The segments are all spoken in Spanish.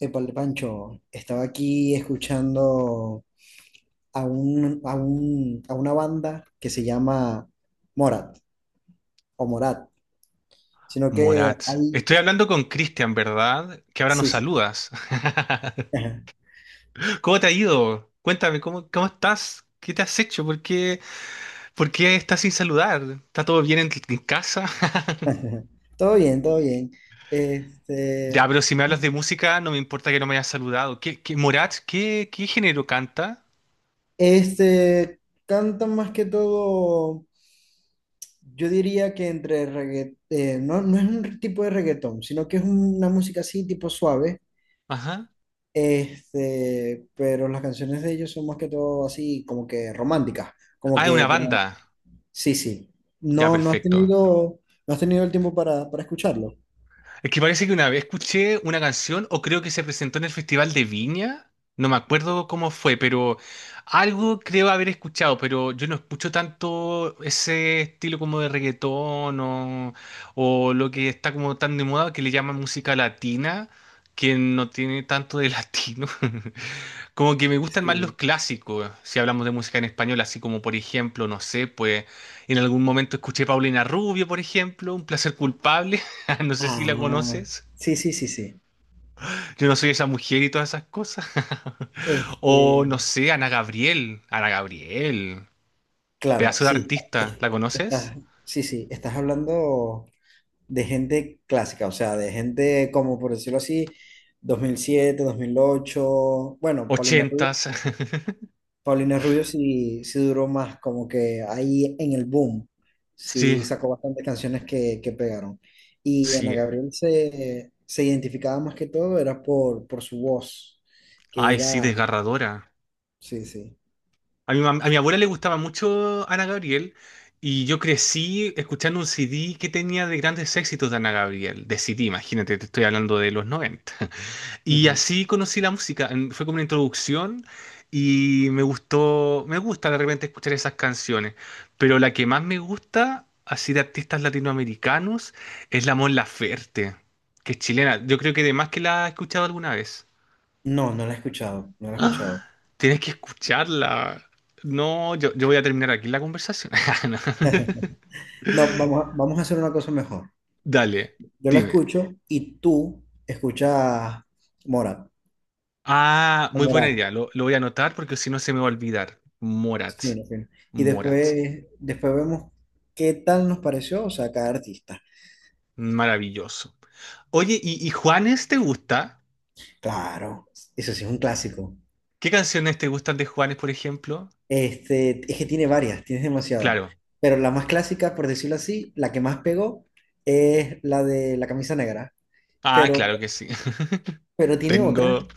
Épale, Pancho, estaba aquí escuchando a, un, a, un, a una banda que se llama Morat, o Morat, sino que Morat. hay, Estoy hablando con Cristian, ¿verdad? Que ahora nos sí, sí, saludas. ajá. ¿Cómo te ha ido? Cuéntame, ¿cómo estás? ¿Qué te has hecho? ¿Por qué estás sin saludar? ¿Está todo bien en casa? Todo bien, todo bien. Ya, Este, pero si me hablas de música, no me importa que no me hayas saludado. Morat, qué género canta? este, cantan más que todo, yo diría que entre reggaetón. No, no es un tipo de reggaetón, sino que es una música así tipo suave. Ajá. Pero las canciones de ellos son más que todo así, como que románticas, como Ah, es una que, banda. pero- sí, sí. Ya, No, no has perfecto. tenido, no has tenido el tiempo para escucharlo. Es que parece que una vez escuché una canción, o creo que se presentó en el Festival de Viña, no me acuerdo cómo fue, pero algo creo haber escuchado, pero yo no escucho tanto ese estilo como de reggaetón o lo que está como tan de moda que le llaman música latina, que no tiene tanto de latino. Como que me gustan más los Sí. clásicos, si hablamos de música en español, así como por ejemplo, no sé, pues en algún momento escuché Paulina Rubio, por ejemplo, Un placer culpable. No sé si la Ah, conoces. sí, sí, sí, sí. Yo no soy esa mujer y todas esas cosas. O Este, no sé, Ana Gabriel. Ana Gabriel. claro, Pedazo de sí. artista. es- ¿La conoces? Estás, sí, sí, estás hablando de gente clásica, o sea, de gente como, por decirlo así, dos mil siete 2008, bueno, Paulina Rubio. Ochentas. Paulina Rubio, sí, sí duró más, como que ahí en el boom, Sí, sí sacó bastantes canciones que pegaron. Y Ana sí. Gabriel se identificaba más que todo, era por su voz, que Ay, sí, era, desgarradora. sí, sí. A mi abuela le gustaba mucho Ana Gabriel y yo crecí escuchando un CD que tenía de grandes éxitos de Ana Gabriel. De CD, imagínate, te estoy hablando de los 90. Y Ujú. así conocí la música, fue como una introducción y me gustó, me gusta de repente escuchar esas canciones, pero la que más me gusta, así de artistas latinoamericanos, es la Mon Laferte, que es chilena. Yo creo que además que la he escuchado alguna vez. No, no la he escuchado, no la he escuchado. ¡Ah! Tienes que escucharla. No, yo, voy a terminar aquí la conversación. No. No, vamos a, vamos a hacer una cosa mejor. Dale, Yo la dime. escucho y tú escuchas Morat. Ah, O muy buena Morat. idea, lo voy a anotar porque si no se me va a olvidar. Morat, Sí, no, sí. Y Morat. después, después vemos qué tal nos pareció, o sea, cada artista. Maravilloso. Oye, ¿y Juanes te gusta? Claro, eso sí es un clásico. ¿Qué canciones te gustan de Juanes, por ejemplo? Es que tiene varias, tienes demasiado. Claro. Pero la más clásica, por decirlo así, la que más pegó es la de la camisa negra. Ah, Pero, claro que sí. pero tiene otra. Tengo.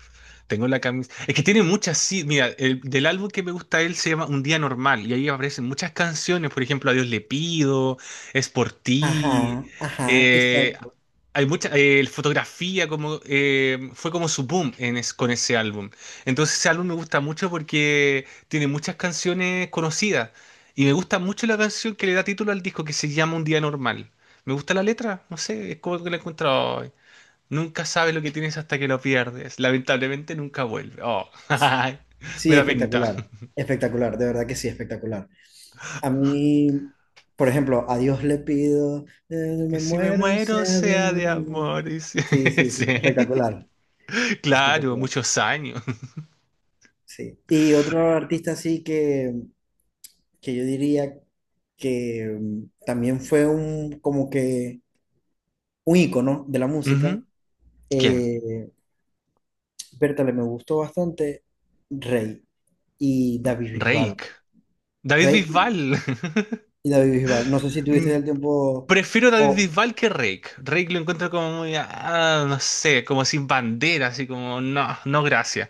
Tengo la camisa. Es que tiene muchas, sí. Mira, del álbum que me gusta a él se llama Un Día Normal y ahí aparecen muchas canciones. Por ejemplo, A Dios le pido, Es por ti. Ajá, ajá, eh, exacto. hay mucha fotografía, como, fue como su boom en con ese álbum. Entonces, ese álbum me gusta mucho porque tiene muchas canciones conocidas. Y me gusta mucho la canción que le da título al disco que se llama Un Día Normal. Me gusta la letra, no sé, es como que la he encontrado. Nunca sabes lo que tienes hasta que lo pierdes. Lamentablemente nunca vuelve. Oh, ay, me Sí, da penita. espectacular. Espectacular, de verdad que sí, espectacular. A mí, por ejemplo, a Dios le pido, Que me si me muero, muero sea de sea de amor. amor. Sí, sí, sí, Sí. espectacular. Claro, Espectacular. muchos años. Sí. Y otro artista así que yo diría que también fue un como que un ícono de la música. Ujú. ¿Quién? Eh, Bertale, me gustó bastante Rey y David Bisbal. Rake. David Rey Bisbal. y David Bisbal. No sé si Mm, tuviste el tiempo prefiero David o Bisbal que Rake. Rake lo encuentro como muy, no sé, como sin bandera, así como, no, no gracias.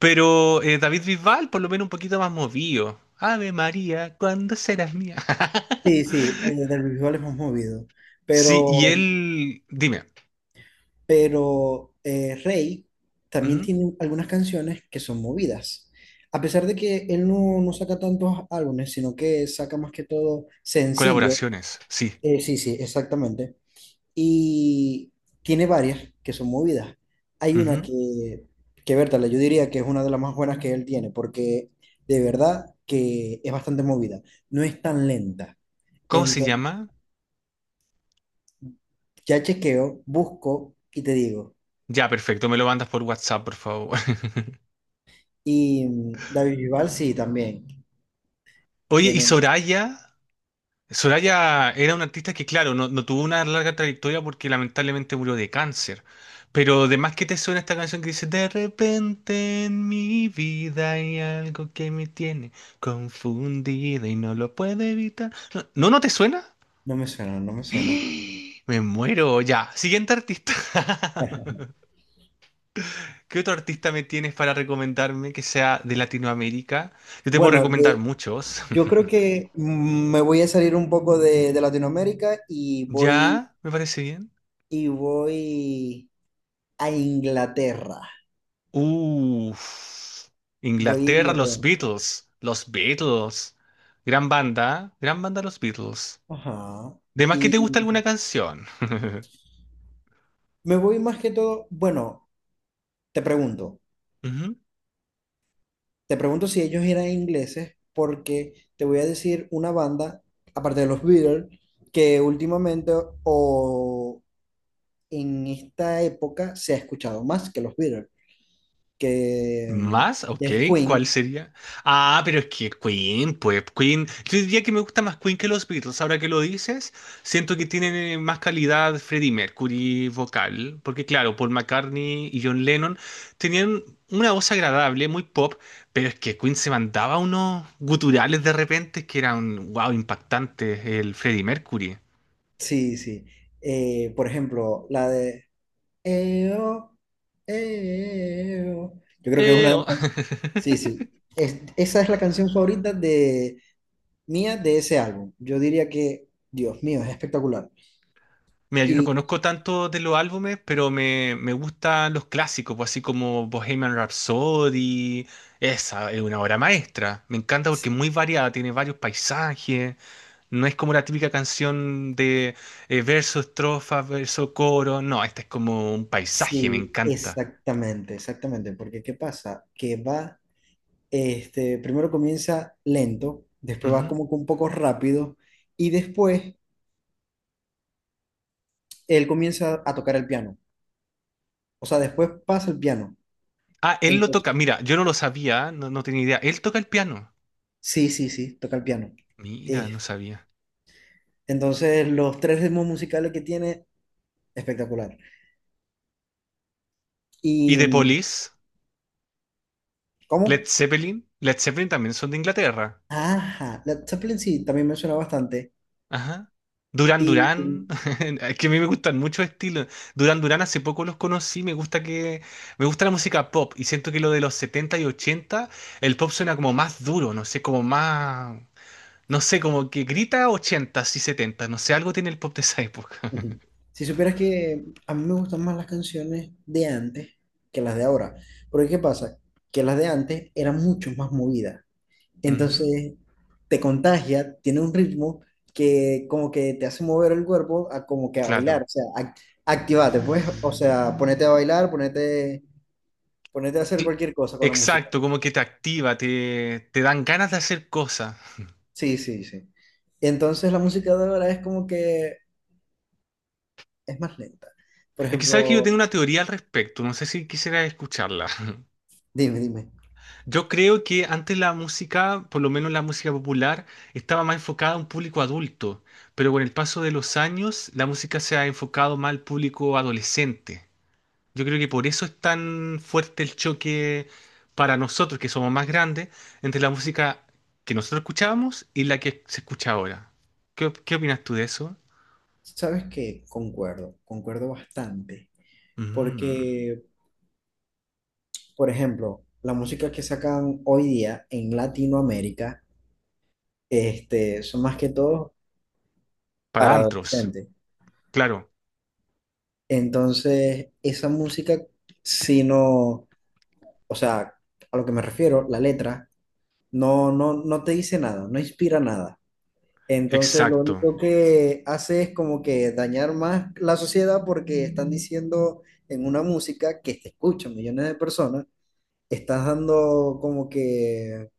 Pero David Bisbal por lo menos un poquito más movido. Ave María, ¿cuándo serás mía? sí, sí, David Bisbal es más movido, Sí, y pero él, dime. Rey también Ujú. tiene algunas canciones que son movidas. A pesar de que él no, no saca tantos álbumes, sino que saca más que todo sencillo. Colaboraciones, sí. Sí, sí, exactamente. Y tiene varias que son movidas. Hay una Ujú. que Bertale, yo diría que es una de las más buenas que él tiene, porque de verdad que es bastante movida. No es tan lenta. ¿Cómo se Entonces, llama? ya chequeo, busco y te digo. Ya, perfecto, me lo mandas por WhatsApp, por favor. Y David Bisbal sí, también. Oye, y Tiene, Soraya, era una artista que, claro, no, no tuvo una larga trayectoria porque lamentablemente murió de cáncer. Pero además que te suena esta canción que dice, De repente en mi vida hay algo que me tiene confundida y no lo puedo evitar. ¿No no, no te suena? no me suena, no me suena. Me muero, ya. Siguiente artista. ¿Qué otro artista me tienes para recomendarme que sea de Latinoamérica? Yo te puedo Bueno, recomendar muchos. yo creo que me voy a salir un poco de Latinoamérica y voy, ¿Ya? ¿Me parece bien? y voy. a Inglaterra. Uff. Voy a Inglaterra, los Inglaterra. Beatles. Los Beatles. Gran banda. Gran banda, los Beatles. Ajá. ¿De más que Y te gusta alguna canción? me voy más que todo, bueno, te pregunto, Ujú. te pregunto si ellos eran ingleses, porque te voy a decir una banda, aparte de los Beatles, que últimamente o en esta época se ha escuchado más que los Beatles, que ¿Más? Ok, es ¿cuál Queen. sería? Ah, pero es que Queen, pues Queen, yo diría que me gusta más Queen que los Beatles, ahora que lo dices, siento que tienen más calidad Freddie Mercury vocal, porque claro, Paul McCartney y John Lennon tenían una voz agradable, muy pop, pero es que Queen se mandaba unos guturales de repente que eran, wow, impactantes, el Freddie Mercury. Sí, sí. Por ejemplo, la de Eo, eo. Yo creo que es una de Oh. las... Sí, sí. Esa es la canción favorita de mía de ese álbum. Yo diría que, Dios mío, es espectacular. Mira, yo no Y conozco tanto de los álbumes, pero me gustan los clásicos, pues así como Bohemian Rhapsody. Esa es una obra maestra. Me encanta porque s- es muy variada, tiene varios paisajes. No es como la típica canción de verso, estrofa, verso, coro. No, esta es como un paisaje, me sí, encanta. exactamente, exactamente. Porque ¿qué pasa? Que va, primero comienza lento, después va Ujú. como que un poco rápido y después él comienza a tocar el piano. O sea, después pasa el piano. Ah, él lo Entonces, toca. Mira, yo no lo sabía, no, no tenía idea. Él toca el piano. sí, sí, sí, toca el piano. Mira, no Es sabía. Entonces, los tres ritmos musicales que tiene, espectacular. ¿Y ¿Y The Police? cómo? ¿Led Zeppelin? Led Zeppelin también son de Inglaterra. Ajá, la Zeppelin sí, también me suena bastante. Ajá. Duran Y Duran, es que a mí me gustan muchos estilos. Duran Duran hace poco los conocí, me gusta la música pop y siento que lo de los 70 y 80 el pop suena como más duro, no sé, como más no sé, como que grita 80 y 70, no sé, algo tiene el pop de esa época. ujú. Si supieras que a mí me gustan más las canciones de antes que las de ahora. Porque ¿qué pasa? Que las de antes eran mucho más movidas. Ujú. Entonces, te contagia, tiene un ritmo que como que te hace mover el cuerpo a como que a bailar. Claro. O sea, activate, pues. O sea, ponete a bailar, ponete a hacer Sí, cualquier cosa con la música. exacto, como que te activa, te dan ganas de hacer cosas. Sí, sí, sí. Entonces la música de ahora es como que es más lenta. Por Es que sabes que yo ejemplo, tengo una teoría al respecto, no sé si quisiera escucharla. dime, dime, Yo creo que antes la música, por lo menos la música popular, estaba más enfocada a un público adulto, pero con el paso de los años la música se ha enfocado más al público adolescente. Yo creo que por eso es tan fuerte el choque para nosotros, que somos más grandes, entre la música que nosotros escuchábamos y la que se escucha ahora. ¿Qué opinas tú de eso? ¿sabes qué? Concuerdo bastante. Mm, Porque, por ejemplo, la música que sacan hoy día en Latinoamérica, son más que todo para para antros, adolescentes. claro, Entonces, esa música, si no, o sea, a lo que me refiero, la letra, no te dice nada, no inspira nada. Entonces, lo exacto, único que hace es como que dañar más la sociedad porque están diciendo en una música que te escuchan millones de personas, estás dando como que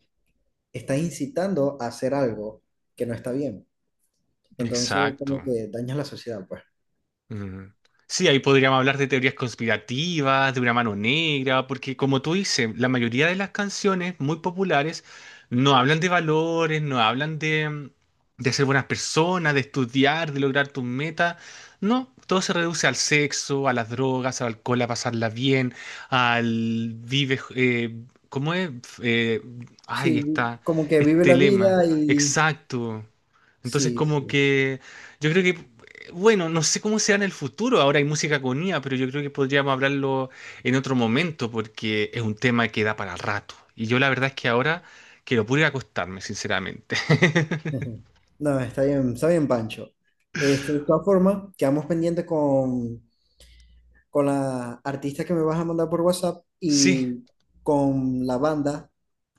estás incitando a hacer algo que no está bien. Entonces, exacto. como que dañas la sociedad, pues. Mm. Sí, ahí podríamos hablar de teorías conspirativas, de una mano negra, porque como tú dices, la mayoría de las canciones muy populares no hablan de valores, no hablan de, ser buenas personas, de estudiar, de lograr tus metas. No, todo se reduce al sexo, a las drogas, al alcohol, a pasarla bien, al vive, ¿cómo es? Eh, ay, Sí, está, como que vive este la lema, vida y exacto. Entonces, sí, como sí. que yo creo que bueno, no sé cómo será en el futuro. Ahora hay música con IA, pero yo creo que podríamos hablarlo en otro momento porque es un tema que da para rato. Y yo la verdad es que ahora quiero puro ir a acostarme, sinceramente. No, está bien, Pancho. De todas formas, quedamos pendientes con, la artista que me vas a mandar por WhatsApp Sí, y con la banda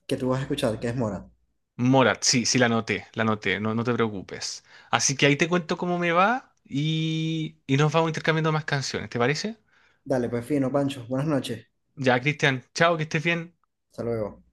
que tú vas a escuchar, que es Mora. Morat, sí, sí la noté, no, no te preocupes. Así que ahí te cuento cómo me va y nos vamos intercambiando más canciones, ¿te parece? Dale, pues fino, Pancho. Buenas noches. Ya, Cristian, chao, que estés bien. Hasta luego.